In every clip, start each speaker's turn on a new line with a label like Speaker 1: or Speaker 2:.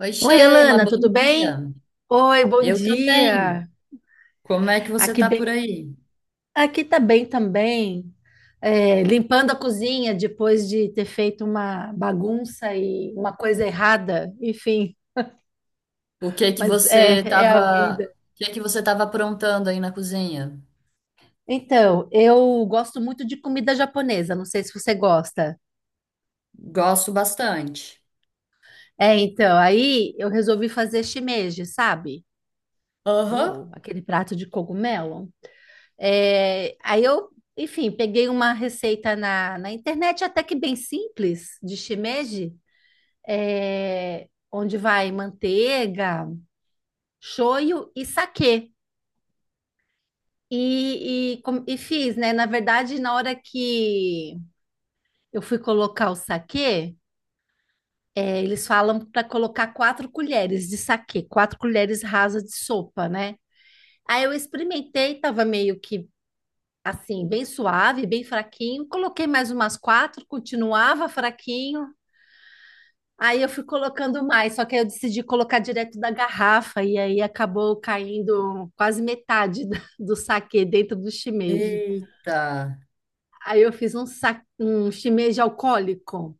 Speaker 1: Oi,
Speaker 2: Oi,
Speaker 1: Sheila,
Speaker 2: Alana,
Speaker 1: bom
Speaker 2: tudo bem?
Speaker 1: dia.
Speaker 2: Oi, bom
Speaker 1: Eu também.
Speaker 2: dia.
Speaker 1: Como é que você
Speaker 2: Aqui
Speaker 1: tá
Speaker 2: bem,
Speaker 1: por aí?
Speaker 2: aqui tá bem também. Limpando a cozinha depois de ter feito uma bagunça e uma coisa errada, enfim,
Speaker 1: O que é que
Speaker 2: mas
Speaker 1: você
Speaker 2: é a
Speaker 1: tava,
Speaker 2: vida.
Speaker 1: o que é que você tava aprontando aí na cozinha?
Speaker 2: Então, eu gosto muito de comida japonesa, não sei se você gosta.
Speaker 1: Gosto bastante.
Speaker 2: Então, aí eu resolvi fazer shimeji, sabe?
Speaker 1: Aham.
Speaker 2: O, aquele prato de cogumelo. É, aí eu, enfim, peguei uma receita na internet até que bem simples de shimeji, onde vai manteiga, shoyu e saquê. E fiz, né? Na verdade, na hora que eu fui colocar o saquê, eles falam para colocar quatro colheres de saquê, quatro colheres rasas de sopa, né? Aí eu experimentei, tava meio que assim, bem suave, bem fraquinho. Coloquei mais umas quatro, continuava fraquinho. Aí eu fui colocando mais, só que aí eu decidi colocar direto da garrafa e aí acabou caindo quase metade do saquê dentro do shimeji.
Speaker 1: Eita,
Speaker 2: Aí eu fiz um, sa um shimeji alcoólico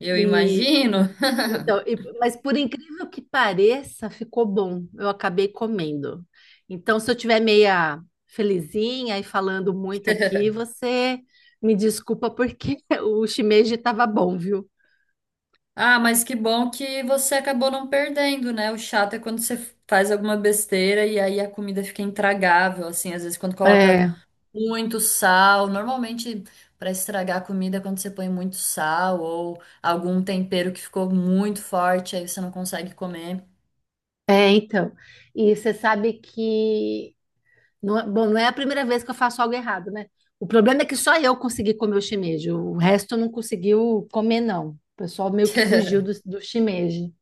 Speaker 1: eu
Speaker 2: e
Speaker 1: imagino.
Speaker 2: então, mas por incrível que pareça, ficou bom. Eu acabei comendo. Então, se eu tiver meia felizinha e falando muito aqui, você me desculpa porque o shimeji estava bom, viu?
Speaker 1: Ah, mas que bom que você acabou não perdendo, né? O chato é quando você faz alguma besteira e aí a comida fica intragável, assim, às vezes quando coloca
Speaker 2: É,
Speaker 1: muito sal. Normalmente, para estragar a comida, é quando você põe muito sal ou algum tempero que ficou muito forte, aí você não consegue comer.
Speaker 2: então. E você sabe que não, bom, não é a primeira vez que eu faço algo errado, né? O problema é que só eu consegui comer o shimeji, o resto não conseguiu comer, não. O pessoal meio que fugiu do shimeji.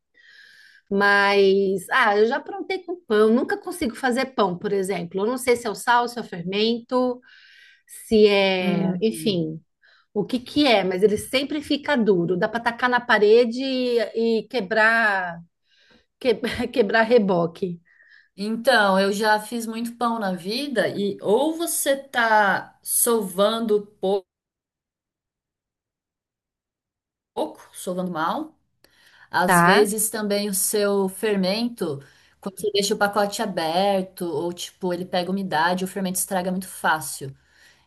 Speaker 2: Mas, ah, eu já aprontei com pão. Nunca consigo fazer pão, por exemplo. Eu não sei se é o sal, se é o fermento, se é,
Speaker 1: Hum.
Speaker 2: enfim, o que que é, mas ele sempre fica duro. Dá para tacar na parede e quebrar, que- quebrar reboque,
Speaker 1: Então, eu já fiz muito pão na vida e ou você tá sovando pouco, sovando mal, às
Speaker 2: tá?
Speaker 1: vezes também o seu fermento, quando você deixa o pacote aberto ou tipo, ele pega umidade, o fermento estraga muito fácil.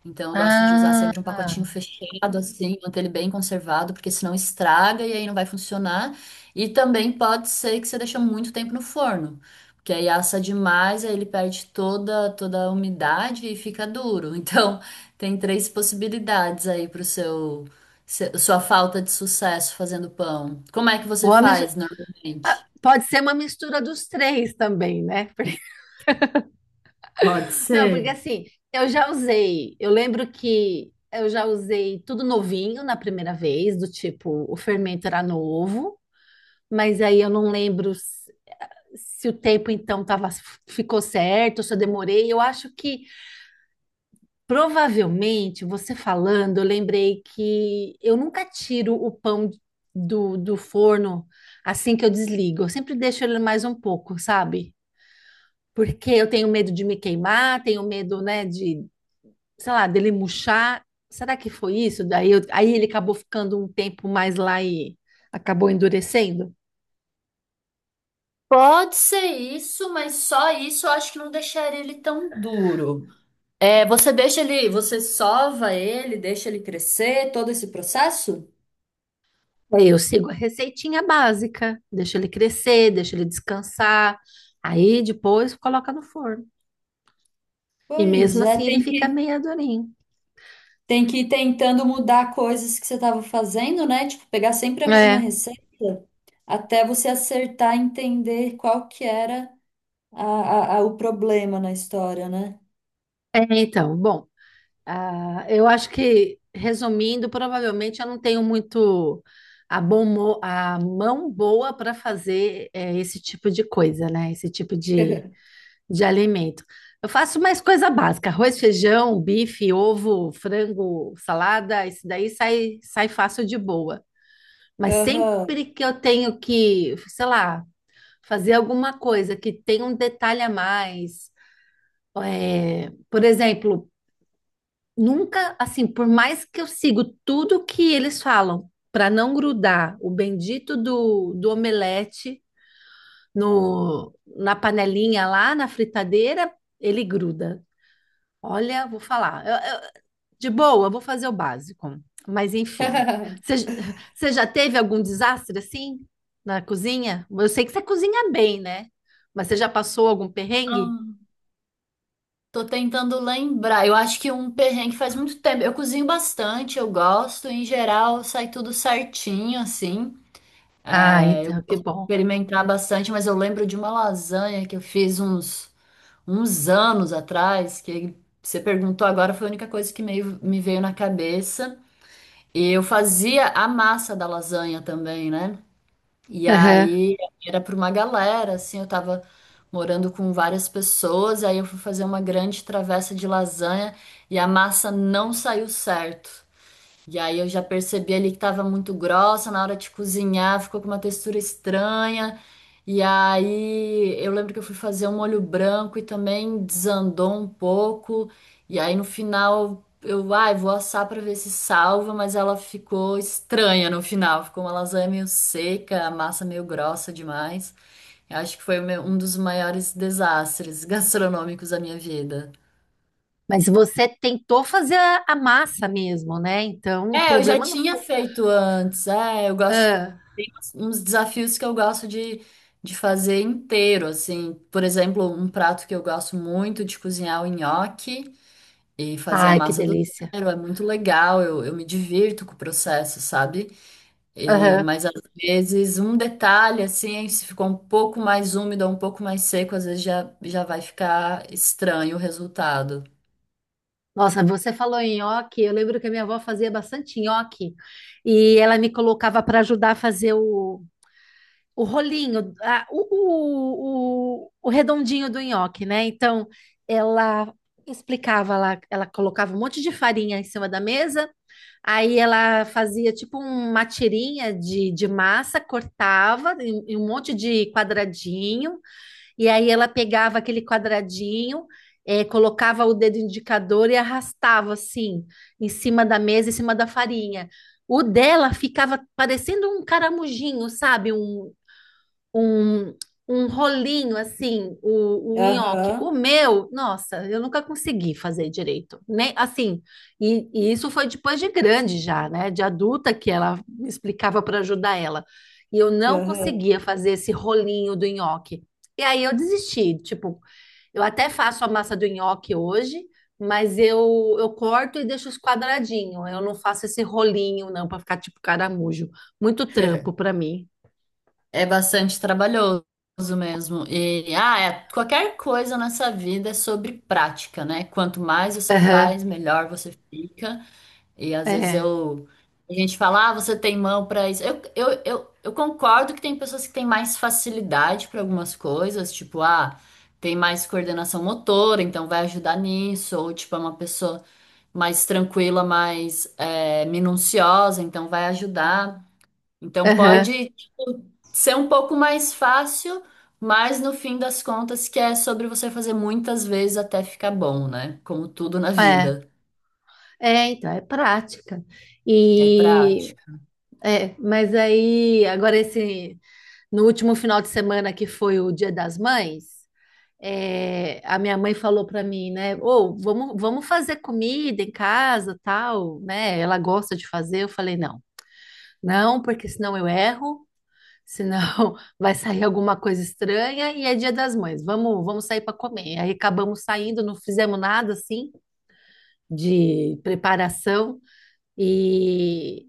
Speaker 1: Então eu gosto de usar sempre um pacotinho
Speaker 2: Ah,
Speaker 1: fechado, assim, manter ele bem conservado, porque senão estraga e aí não vai funcionar. E também pode ser que você deixe muito tempo no forno, porque aí assa demais, aí ele perde toda, toda a umidade e fica duro. Então tem três possibilidades aí para o seu, sua falta de sucesso fazendo pão. Como é que
Speaker 2: Ou
Speaker 1: você
Speaker 2: a mis-
Speaker 1: faz normalmente?
Speaker 2: pode ser uma mistura dos três também, né?
Speaker 1: Pode
Speaker 2: Não, porque
Speaker 1: ser.
Speaker 2: assim, eu já usei. Eu lembro que eu já usei tudo novinho na primeira vez, do tipo, o fermento era novo, mas aí eu não lembro se, se o tempo então tava, ficou certo, se eu demorei. Eu acho que provavelmente, você falando, eu lembrei que eu nunca tiro o pão do forno assim que eu desligo. Eu sempre deixo ele mais um pouco, sabe? Porque eu tenho medo de me queimar, tenho medo, né, de sei lá, dele murchar. Será que foi isso? Aí ele acabou ficando um tempo mais lá e acabou endurecendo.
Speaker 1: Pode ser isso, mas só isso eu acho que não deixaria ele tão duro. É, você deixa ele, você sova ele, deixa ele crescer, todo esse processo?
Speaker 2: Daí eu sigo a receitinha básica, deixo ele crescer, deixo ele descansar. Aí depois coloca no forno. E
Speaker 1: Pois
Speaker 2: mesmo
Speaker 1: é,
Speaker 2: assim ele
Speaker 1: tem
Speaker 2: fica
Speaker 1: que,
Speaker 2: meio durinho.
Speaker 1: tem que ir tentando mudar coisas que você estava fazendo, né? Tipo, pegar sempre a mesma
Speaker 2: É,
Speaker 1: receita até você acertar e entender qual que era o problema na história, né?
Speaker 2: bom, ah, eu acho que, resumindo, provavelmente eu não tenho muito a mão boa para fazer esse tipo de coisa, né? Esse tipo de alimento. Eu faço mais coisa básica: arroz, feijão, bife, ovo, frango, salada. Isso daí sai fácil de boa. Mas
Speaker 1: Aham.
Speaker 2: sempre que eu tenho que, sei lá, fazer alguma coisa que tenha um detalhe a mais, por exemplo, nunca, assim, por mais que eu sigo tudo que eles falam, para não grudar o bendito do omelete no, na panelinha lá, na fritadeira, ele gruda. Olha, vou falar. De boa, vou fazer o básico. Mas enfim. Você j- você já teve algum desastre assim na cozinha? Eu sei que você cozinha bem, né? Mas você já passou algum perrengue?
Speaker 1: Hum, Tô tentando lembrar. Eu acho que um perrengue faz muito tempo. Eu cozinho bastante, eu gosto. Em geral, sai tudo certinho, assim.
Speaker 2: Ah,
Speaker 1: É, eu
Speaker 2: então, que
Speaker 1: gosto de
Speaker 2: bom.
Speaker 1: experimentar bastante, mas eu lembro de uma lasanha que eu fiz uns, uns anos atrás, que você perguntou agora, foi a única coisa que meio, me veio na cabeça. E eu fazia a massa da lasanha também, né? E
Speaker 2: Aham.
Speaker 1: aí era para uma galera, assim, eu tava morando com várias pessoas, aí eu fui fazer uma grande travessa de lasanha e a massa não saiu certo. E aí eu já percebi ali que tava muito grossa na hora de cozinhar, ficou com uma textura estranha. E aí eu lembro que eu fui fazer um molho branco e também desandou um pouco. E aí no final eu, ai, vou assar pra ver se salva, mas ela ficou estranha no final, ficou uma lasanha meio seca, a massa meio grossa demais. Eu acho que foi o meu- um dos maiores desastres gastronômicos da minha vida.
Speaker 2: Mas você tentou fazer a massa mesmo, né? Então, o
Speaker 1: É, eu já
Speaker 2: problema não
Speaker 1: tinha
Speaker 2: foi.
Speaker 1: feito antes. É, eu gosto.
Speaker 2: Ah.
Speaker 1: Tem uns desafios que eu gosto de fazer inteiro, assim. Por exemplo, um prato que eu gosto muito de cozinhar é o nhoque e fazer a
Speaker 2: Ai, que
Speaker 1: massa do
Speaker 2: delícia.
Speaker 1: zero. É muito legal, eu me divirto com o processo, sabe? E,
Speaker 2: Aham.
Speaker 1: mas às vezes um detalhe, assim, se ficou um pouco mais úmido ou um pouco mais seco, às vezes já, já vai ficar estranho o resultado.
Speaker 2: Nossa, você falou em nhoque. Eu lembro que a minha avó fazia bastante nhoque e ela me colocava para ajudar a fazer o rolinho, o redondinho do nhoque, né? Então, ela explicava lá, ela colocava um monte de farinha em cima da mesa, aí ela fazia tipo uma tirinha de massa, cortava em um monte de quadradinho, e aí ela pegava aquele quadradinho, colocava o dedo indicador e arrastava assim, em cima da mesa, em cima da farinha. O dela ficava parecendo um caramujinho, sabe? Um, um rolinho assim, o nhoque. O
Speaker 1: Aham,
Speaker 2: meu, nossa, eu nunca consegui fazer direito. Nem assim, e isso foi depois de grande já, né? De adulta que ela me explicava para ajudar ela. E eu não
Speaker 1: aham.
Speaker 2: conseguia fazer esse rolinho do nhoque. E aí eu desisti, tipo, eu até faço a massa do nhoque hoje, mas eu corto e deixo os quadradinhos. Eu não faço esse rolinho, não, para ficar tipo caramujo. Muito trampo para mim.
Speaker 1: É bastante trabalhoso mesmo. E ah, é- qualquer coisa nessa vida é sobre prática, né? Quanto mais você
Speaker 2: Aham.
Speaker 1: faz, melhor você fica. E às vezes
Speaker 2: É.
Speaker 1: eu a gente fala, ah, você tem mão para isso. Eu concordo que tem pessoas que têm mais facilidade para algumas coisas, tipo, ah, tem mais coordenação motora, então vai ajudar nisso, ou tipo, é uma pessoa mais tranquila, mais minuciosa, então vai ajudar. Então
Speaker 2: Aham.
Speaker 1: pode, tipo, ser um pouco mais fácil, mas no fim das contas que é sobre você fazer muitas vezes até ficar bom, né? Como tudo na
Speaker 2: É,
Speaker 1: vida,
Speaker 2: é prática.
Speaker 1: é
Speaker 2: E,
Speaker 1: prática.
Speaker 2: mas aí, agora esse, no último final de semana que foi o Dia das Mães, a minha mãe falou para mim, né, ou vamos fazer comida em casa, tal, né, ela gosta de fazer, eu falei, não, porque senão eu erro, senão vai sair alguma coisa estranha e é Dia das Mães, vamos sair para comer. Aí acabamos saindo, não fizemos nada, assim, de preparação, E,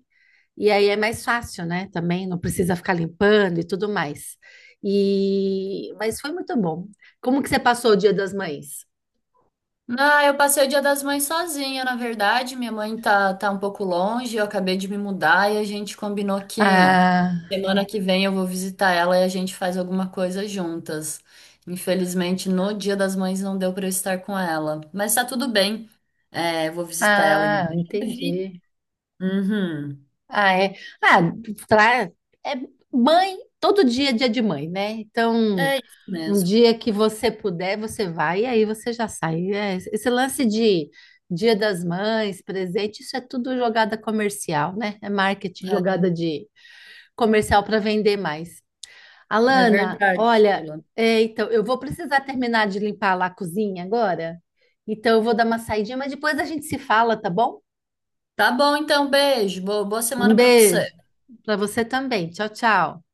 Speaker 2: e aí é mais fácil, né? Também não precisa ficar limpando e tudo mais. E, mas foi muito bom. Como que você passou o Dia das Mães?
Speaker 1: Ah, eu passei o Dia das Mães sozinha, na verdade. Minha mãe tá, tá um pouco longe, eu acabei de me mudar e a gente combinou que
Speaker 2: Ah,
Speaker 1: semana que vem eu vou visitar ela e a gente faz alguma coisa juntas. Infelizmente, no Dia das Mães não deu pra eu estar com ela, mas tá tudo bem. É, eu vou visitar ela em
Speaker 2: ah,
Speaker 1: breve.
Speaker 2: entendi.
Speaker 1: Uhum.
Speaker 2: Ah, é. Ah, tra- é mãe, todo dia é dia de mãe, né? Então,
Speaker 1: É isso
Speaker 2: um
Speaker 1: mesmo.
Speaker 2: dia que você puder, você vai e aí você já sai. É, esse lance de Dia das Mães, presente, isso é tudo jogada comercial, né? É marketing,
Speaker 1: É,
Speaker 2: jogada de comercial para vender mais.
Speaker 1: é
Speaker 2: Alana,
Speaker 1: verdade,
Speaker 2: olha,
Speaker 1: Sheila.
Speaker 2: então eu vou precisar terminar de limpar lá a cozinha agora. Então eu vou dar uma saidinha, mas depois a gente se fala, tá bom?
Speaker 1: Tá bom, então, beijo. Boa
Speaker 2: Um
Speaker 1: semana pra você.
Speaker 2: beijo para você também. Tchau, tchau.